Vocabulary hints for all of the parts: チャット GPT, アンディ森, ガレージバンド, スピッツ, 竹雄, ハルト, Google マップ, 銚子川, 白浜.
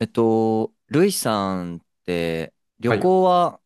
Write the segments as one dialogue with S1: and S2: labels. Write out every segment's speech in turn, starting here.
S1: ルイさんって
S2: は
S1: 旅
S2: い。
S1: 行は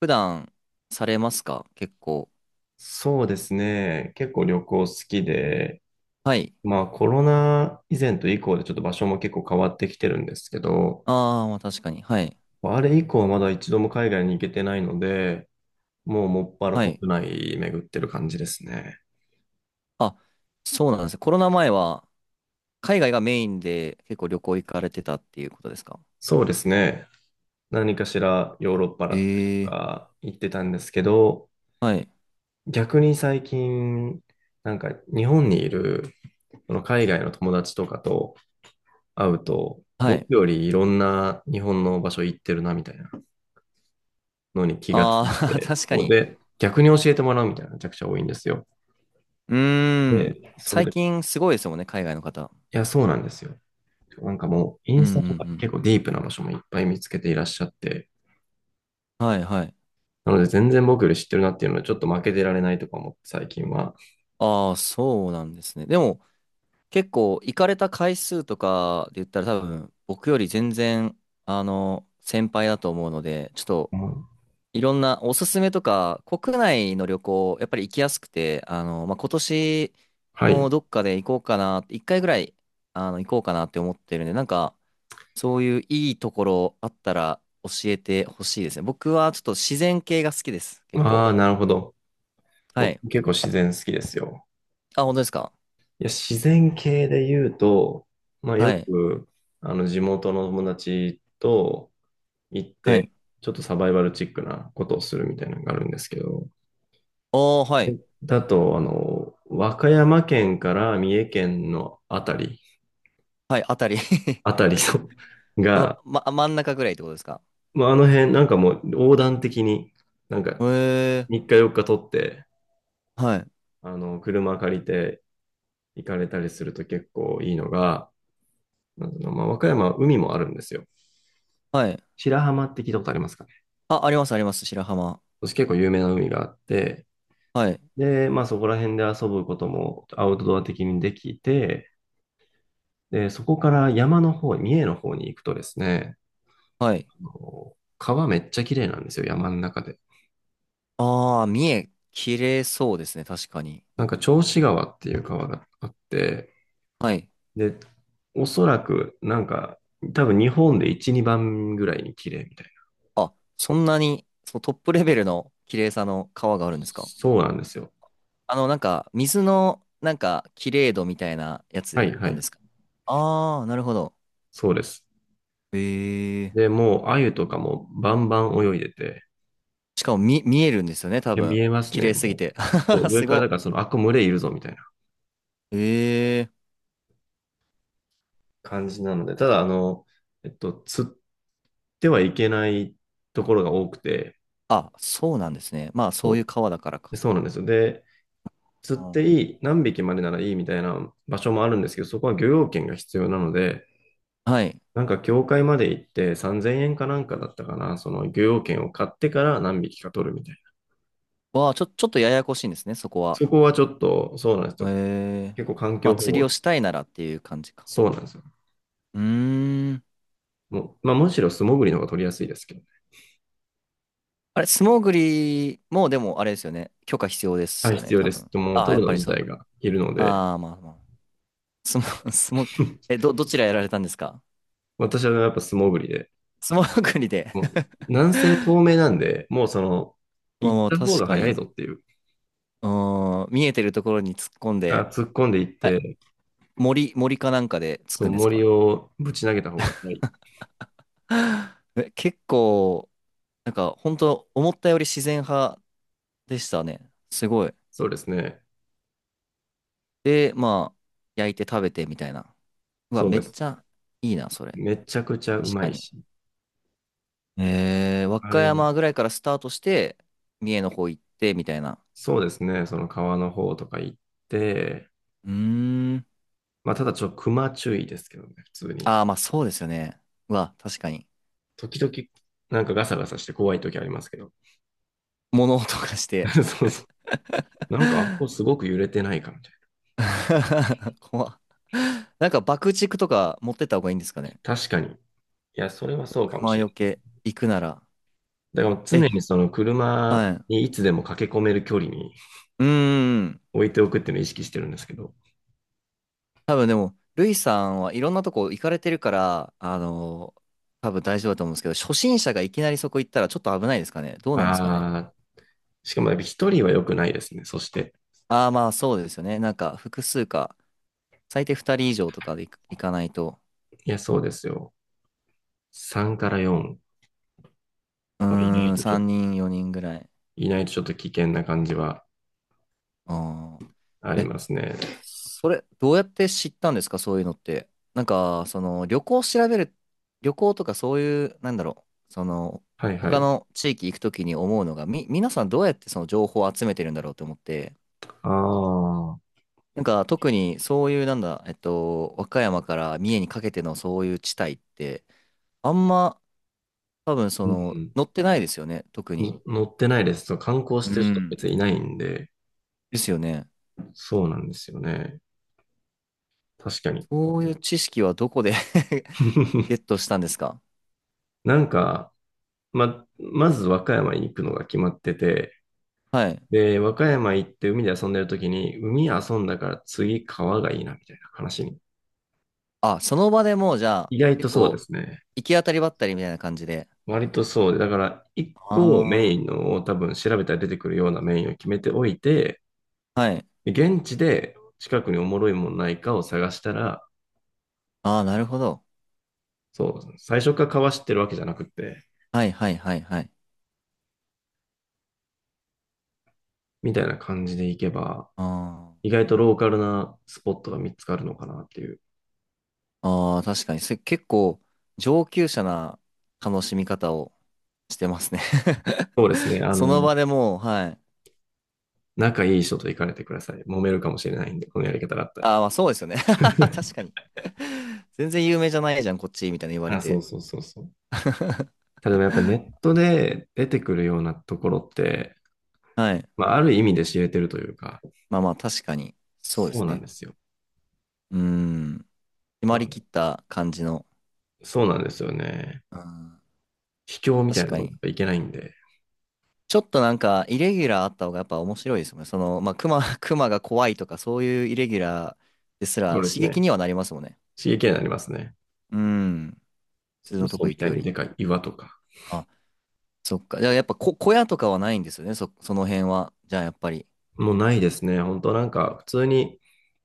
S1: 普段されますか結構？
S2: そうですね。結構旅行好きで、
S1: はい。
S2: まあコロナ以前と以降でちょっと場所も結構変わってきてるんですけど、
S1: ああ、まあ確かに。はい。
S2: まあれ以降はまだ一度も海外に行けてないので、もうもっぱら
S1: は
S2: 国
S1: い。
S2: 内巡ってる感じですね。
S1: あ、そうなんですね。コロナ前は海外がメインで結構旅行行かれてたっていうことですか？
S2: そうですね。何かしらヨーロッパだったりと
S1: ええ
S2: か行ってたんですけど、
S1: ーはい。
S2: 逆に最近、なんか日本にいるその海外の友達とかと会うと、
S1: は
S2: 僕
S1: い。
S2: よりいろんな日本の場所行ってるなみたいな。のに気がつ
S1: あ
S2: い
S1: あ、
S2: て、
S1: 確か
S2: そう
S1: に。
S2: で、逆に教えてもらうみたいなのがめちゃくちゃ多いんですよ。
S1: うーん。
S2: で、それ
S1: 最
S2: で、い
S1: 近すごいですもんね、海外の方。
S2: や、そうなんですよ。なんかもう、イ
S1: うん
S2: ン
S1: う
S2: スタとか
S1: ん
S2: 結構ディープな場所もいっぱい見つけていらっしゃって、
S1: うん。はいはい。
S2: なので全然僕より知ってるなっていうので、ちょっと負けてられないとか思って最近は。
S1: ああ、そうなんですね。でも、結構行かれた回数とかで言ったら多分僕より全然あの先輩だと思うのでちょっと
S2: うん、
S1: いろんなおすすめとか国内の旅行やっぱり行きやすくてまあ、今年
S2: は
S1: も
S2: い。
S1: どっかで行こうかな一回ぐらいあの行こうかなって思ってるんでなんかそういういいところあったら教えてほしいですね。僕はちょっと自然系が好きです結
S2: ああ、
S1: 構。
S2: なるほど。
S1: は
S2: 僕
S1: い。
S2: 結構自然好きですよ。
S1: あ、本当ですか？
S2: いや、自然系で言うと、まあ
S1: は
S2: よ
S1: い。
S2: く、あの、地元の友達と行っ
S1: はい。
S2: て、ちょっとサバイバルチックなことをするみたいなのがあるんですけど、
S1: おー、はい。
S2: だと、あの、和歌山県から三重県のあたり、
S1: はい、あたり
S2: あ たりの
S1: その、
S2: が、
S1: ま、真ん中ぐらいってことですか？
S2: まあ、あの辺、なんかもう横断的に、なんか
S1: へえ。
S2: 3日4日取って、
S1: はい、
S2: あの、車借りて行かれたりすると結構いいのが、なんていうの、まあ、和歌山は海もあるんですよ。
S1: はい。
S2: 白浜って聞いたことありますかね？
S1: あ、あります、あります、白浜。
S2: そして結構有名な海があって、
S1: はい、
S2: で、まあそこら辺で遊ぶこともアウトドア的にできて、で、そこから山の方、三重の方に行くとですね、
S1: はい。
S2: 川めっちゃ綺麗なんですよ、山の中で。
S1: ああ、三重、綺麗そうですね、確かに。
S2: なんか、銚子川っていう川があって、
S1: はい。
S2: で、おそらく、多分日本で1、2番ぐらいに綺麗みたいな。
S1: あ、そんなに？そう、トップレベルの綺麗さの川があるんですか？
S2: そうなんですよ。
S1: あの、なんか、水の、なんか、綺麗度みたいなや
S2: は
S1: つ
S2: いは
S1: なん
S2: い。
S1: ですか？ああー、なるほど。
S2: そうです。
S1: ええ。
S2: で、もう、鮎とかもバンバン泳いでて、
S1: しかも、見えるんですよね、多
S2: いや見
S1: 分。
S2: えます
S1: 綺
S2: ね、
S1: 麗す
S2: も
S1: ぎ
S2: う。
S1: て。
S2: そう 上
S1: す
S2: か
S1: ご
S2: ら、だから
S1: っ。
S2: その、あ、これ群れいるぞ、みたいな
S1: ええ。
S2: 感じなので、ただ、あの、釣ってはいけないところが多くて、
S1: あ、そうなんですね。まあ、
S2: そ
S1: そういう
S2: う
S1: 川だからか。
S2: でそうなんですよ。で、釣
S1: う
S2: って
S1: ん。
S2: いい、何匹までならいいみたいな場所もあるんですけど、そこは漁業権が必要なので、
S1: はい。
S2: なんか協会まで行って3000円かなんかだったかな、その漁業権を買ってから何匹か取るみたいな。
S1: わあ、ちょっとややこしいんですね、そこは。
S2: そこはちょっと、そうなんです
S1: へ
S2: よ。
S1: え。
S2: 結構環
S1: ま
S2: 境
S1: あ、
S2: 保
S1: 釣りを
S2: 護、
S1: したいならっていう感じか。
S2: そうなんですよ。
S1: うーん。
S2: もう、まあ、むしろ素潜りの方が取りやすいですけど、ね、
S1: あれ、素潜りも、でも、あれですよね。許可必要で
S2: は
S1: す
S2: い、
S1: よ
S2: 必
S1: ね、
S2: 要
S1: 多
S2: です。
S1: 分。
S2: もう
S1: ああ、や
S2: 取
S1: っ
S2: るの
S1: ぱり
S2: 自
S1: そう。
S2: 体がいるので、
S1: ああ、まあまあ。素潜、素潜、え、どちらやられたんですか？
S2: 私はやっぱ素潜りで、
S1: 素潜りで。
S2: もう、南西透 明なんで、もうその、
S1: まあ
S2: 行っ
S1: まあ、
S2: た方
S1: 確
S2: が
S1: か
S2: 早い
S1: に。
S2: ぞっていう、
S1: うーん、見えてるところに突っ込ん
S2: あ、
S1: で、
S2: 突っ込んでいっ
S1: え、
S2: て、
S1: 森かなんかで突
S2: そ
S1: く
S2: う、
S1: んです
S2: 森
S1: か？
S2: をぶち投げた方が、はい。
S1: え、結構、なんか、本当思ったより自然派でしたね。すごい。
S2: そうですね。
S1: で、まあ、焼いて食べてみたいな。うわ、
S2: そう
S1: めっ
S2: です。
S1: ちゃいいな、それ。
S2: めちゃくちゃう
S1: 確
S2: ま
S1: か
S2: い
S1: に。
S2: し。
S1: えー、和
S2: あ
S1: 歌
S2: れ、
S1: 山ぐらいからスタートして、三重の方行って、みたいな。
S2: そうですね。その川の方とか行って、
S1: うーん。
S2: まあ、ただちょっと熊注意ですけどね、普通に。
S1: ああ、まあそうですよね。うわ、確かに。
S2: 時々、なんかガサガサして怖い時ありますけど。
S1: 物音がして。
S2: そうそう。なんか、あ、ここす ごく揺れてないかみたい
S1: 怖っ。なんか爆竹とか持ってった方がいいんですかね？
S2: な。確かに。いや、それはそうかも
S1: 熊
S2: しれ
S1: よ
S2: ない。
S1: け行くなら。
S2: だから常
S1: え、
S2: にその
S1: は
S2: 車
S1: い。う
S2: にいつでも駆け込める距離に
S1: ーん。
S2: 置いておくっていうのを意識してるんですけど。
S1: 多分でも、ルイさんはいろんなとこ行かれてるから、あの、多分大丈夫だと思うんですけど、初心者がいきなりそこ行ったらちょっと危ないですかね。どうなんですかね。
S2: ああ、しかもやっぱ一人は良くないですね。そして。
S1: ああ、まあそうですよね。なんか複数か、最低2人以上とかで行く行かないと。
S2: いや、そうですよ。3から4
S1: う
S2: いない
S1: ーん、
S2: とちょ、
S1: 3人、4人ぐらい。
S2: いないとちょっと危険な感じは
S1: あ
S2: あ
S1: ー
S2: り
S1: え、
S2: ますね。
S1: それ、どうやって知ったんですか、そういうのって。なんか、その、旅行を調べる、旅行とかそういう、なんだろう、その、
S2: はいは
S1: 他
S2: い。
S1: の地域行くときに思うのが、皆さんどうやってその情報を集めてるんだろうと思って、
S2: ああ、
S1: なんか特にそういうなんだ、和歌山から三重にかけてのそういう地帯って、あんま多分そ
S2: う
S1: の、
S2: ん。
S1: 乗ってないですよね、特に。
S2: の乗ってないです。そう観光し
S1: う
S2: てる人
S1: ん。
S2: 別にいないんで、
S1: ですよね。
S2: そうなんですよね。確かに。
S1: そういう知識はどこで ゲッ トしたんですか？
S2: なんか、まず和歌山に行くのが決まってて、
S1: はい。
S2: で、和歌山行って海で遊んでる時に、海遊んだから次川がいいなみたいな話に。
S1: あ、その場でもうじゃあ、
S2: 意外と
S1: 結
S2: そうで
S1: 構、
S2: すね。
S1: 行き当たりばったりみたいな感じで。
S2: 割とそうで、だから、一個をメ
S1: あ
S2: インのを多分調べたら出てくるようなメインを決めておいて、
S1: あ。はい。
S2: で現地で近くにおもろいもんないかを探したら、
S1: ああ、なるほど。
S2: そう、最初からかわしてるわけじゃなくて、
S1: はいはいはいはい。
S2: みたいな感じでいけば、
S1: あ
S2: 意
S1: あ。
S2: 外とローカルなスポットが見つかるのかなっていう。
S1: ああ、確かに。それ結構、上級者な楽しみ方をしてますね。
S2: そうですね。あ
S1: その
S2: の、
S1: 場でもう、はい。
S2: 仲いい人と行かれてください。揉めるかもしれないんで、このやり方だったら。
S1: ああ、まあそうですよね。 確か に。全然有名じゃないじゃん、こっち、みたいな言われ
S2: あ、そう
S1: て。
S2: そうそうそう。ただやっぱネットで出てくるようなところって、
S1: はい。
S2: まあ、ある意味で知れてるというか、
S1: まあまあ、確かに。そうで
S2: そう
S1: す
S2: なん
S1: ね。
S2: ですよ。
S1: うーん。決まりき
S2: あ
S1: った感じの。
S2: そうなんですよね。
S1: うん。
S2: 秘境みたい
S1: 確
S2: なと
S1: か
S2: ころ
S1: に。
S2: にいけないんで、
S1: ちょっとなんか、イレギュラーあった方がやっぱ面白いですよね。その、まあ、熊、熊が怖いとか、そういうイレギュラーです
S2: そう
S1: ら
S2: です
S1: 刺激
S2: ね。
S1: にはなりますもんね。
S2: 刺激になりますね。
S1: うん。普通のと
S2: 嘘
S1: こ
S2: み
S1: 行く
S2: たい
S1: よ
S2: に
S1: り。
S2: でかい岩とか。
S1: あ、そっか。じゃあやっぱ小屋とかはないんですよね、その辺は。じゃあやっぱり。
S2: もうないですね。本当なんか、普通に、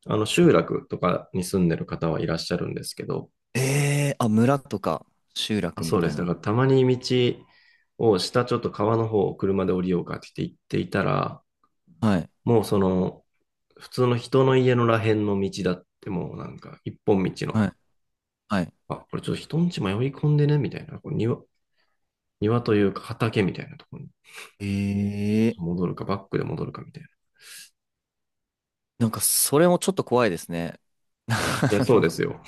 S2: あの、集落とかに住んでる方はいらっしゃるんですけど、
S1: えー、あ、村とか集
S2: あ
S1: 落み
S2: そうで
S1: たい
S2: す。だか
S1: な。
S2: ら、たまに道を下ちょっと川の方を車で降りようかって言っていたら、
S1: はい、
S2: もうその、普通の人の家のらへんの道だって、もうなんか、一本道の、
S1: はい、はい。
S2: あ、これちょっと人んち迷い込んでね、みたいな。これ庭、庭というか畑みたいなところに
S1: えー、
S2: 戻るか、バックで戻るかみたいな。
S1: なんかそれもちょっと怖いですね。あ
S2: いや、そう
S1: の、
S2: ですよ。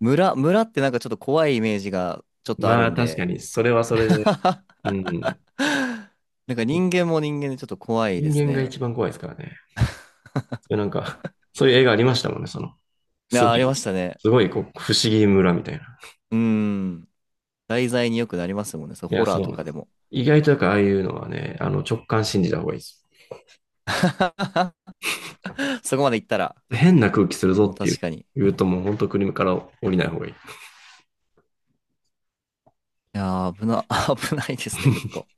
S1: 村ってなんかちょっと怖いイメージがちょっとあ
S2: ま
S1: る
S2: あ、
S1: ん
S2: 確か
S1: で。
S2: に、それはそれで、うん。
S1: なんか人間も人間でちょっと怖いで
S2: 人
S1: す
S2: 間が
S1: ね。
S2: 一番怖いですからね。それなんか、そういう映画ありましたもんね、その、
S1: い
S2: すご
S1: や、ありま
S2: い、
S1: したね。
S2: すごい、こう、不思議村みたいな。
S1: うん。題材によくなりますもんね。そう、
S2: い
S1: ホ
S2: や、
S1: ラー
S2: そう
S1: と
S2: なん
S1: か
S2: で
S1: で
S2: す。
S1: も。
S2: 意外とやっぱああいうのはね、あの、直感信じた方がいいです。
S1: そこまで行ったら、
S2: 変な空気するぞ
S1: もう
S2: ってい
S1: 確
S2: う、
S1: かに。
S2: 言うともう本当国から降りない方がいい。
S1: いやー、危ないですね、結構。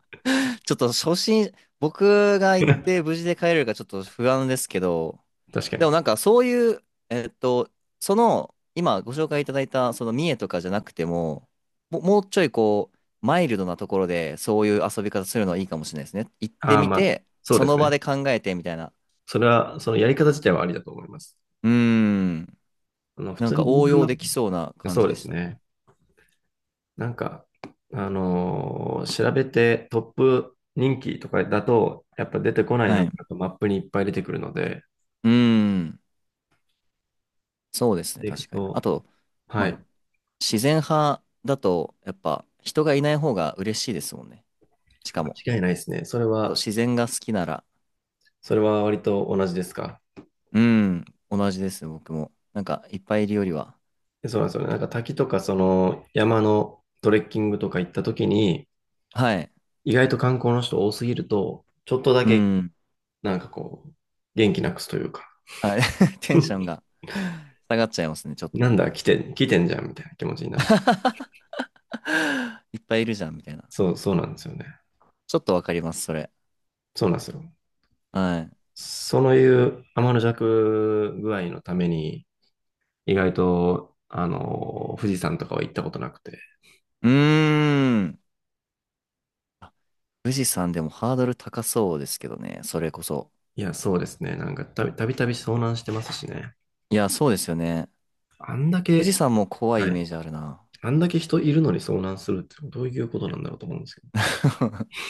S1: ちょっと初心、僕が行って無事で帰れるかちょっと不安ですけど、
S2: 確か
S1: でも
S2: に。
S1: なんかそういう、その、今ご紹介いただいた、その三重とかじゃなくても、もうちょいこう、マイルドなところでそういう遊び方するのはいいかもしれないですね。行って
S2: ああ、
S1: み
S2: まあ、
S1: て、
S2: そう
S1: そ
S2: です
S1: の場
S2: ね。
S1: で考えてみたいな。
S2: それは、そのやり方自体はありだと思います。
S1: うーん。
S2: あの、普
S1: なん
S2: 通
S1: か
S2: に
S1: 応
S2: Google マ
S1: 用でき
S2: ッ
S1: そうな感
S2: そ
S1: じ
S2: うで
S1: で
S2: す
S1: したね。
S2: ね。なんか、調べてトップ人気とかだと、やっぱ出てこない
S1: は
S2: のが
S1: い。
S2: マップにいっぱい出てくるので、
S1: うーん。そうですね、
S2: でいく
S1: 確かに。あ
S2: と、
S1: と、
S2: は
S1: まあ
S2: い、
S1: 自然派だと、やっぱ人がいない方が嬉しいですもんね。しかも、
S2: 間違いないですね。それ
S1: そう
S2: は、
S1: 自然が好きなら、
S2: それは割と同じですか？
S1: うん、同じですね僕も。なんか、いっぱいいるよりは。
S2: でそうなんですよね。なんか滝とかその山のトレッキングとか行った時に、
S1: はい。
S2: 意外と観光の人多すぎると、ちょっとだ
S1: う
S2: け
S1: ん。
S2: なんかこう、元気なくすというか、
S1: はい。テンション が下がっちゃいますね、ちょっ
S2: な
S1: と。
S2: んだ、来てんじゃんみたいな気持ちになっちゃう。
S1: いっぱいいるじゃん、みたいな。
S2: そうなんですよね。
S1: ちょっとわかります、それ。
S2: そうなんですよ。
S1: はい。
S2: そういう天の弱具合のために、意外と、あの、富士山とかは行ったことなくて。
S1: うーん。あ、富士山でもハードル高そうですけどね、それこそ。
S2: いや、そうですね。なんかたびたび遭難してますしね。
S1: いや、そうですよね。
S2: あんだ
S1: 富士
S2: け、
S1: 山も怖い
S2: は
S1: イメー
S2: い。
S1: ジあるな。
S2: あんだけ人いるのに遭難するってどういうことなんだろうと思うんですけど。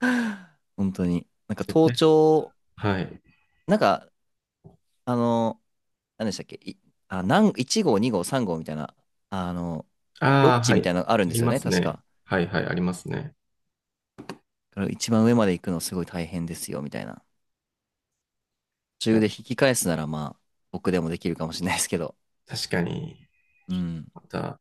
S1: 本当に。なんか
S2: 絶
S1: 盗
S2: 対。
S1: 聴、
S2: はい。
S1: なんか、あの、何でしたっけ、い、あ、なん1号、2号、3号みたいな、あの、ロ
S2: あ
S1: ッ
S2: あ、
S1: ジ
S2: は
S1: み
S2: い。
S1: たいなのあるん
S2: あ
S1: で
S2: り
S1: すよ
S2: ま
S1: ね、
S2: す
S1: 確
S2: ね。
S1: か。
S2: はいはい、ありますね。
S1: だから一番上まで行くのすごい大変ですよ、みたいな。途
S2: い
S1: 中
S2: や、
S1: で引き返すなら、まあ、僕でもできるかもしれないですけど。
S2: 確かに、
S1: うん。
S2: また、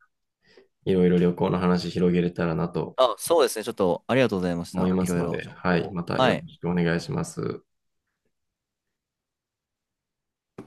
S2: いろいろ旅行の話広げれたらなと
S1: あ、そうですね、ちょっとありがとうございまし
S2: 思い
S1: た。
S2: ま
S1: い
S2: す
S1: ろい
S2: の
S1: ろ
S2: で、
S1: 情
S2: は
S1: 報
S2: い。
S1: を。
S2: また
S1: は
S2: よ
S1: い。
S2: ろしくお願いします。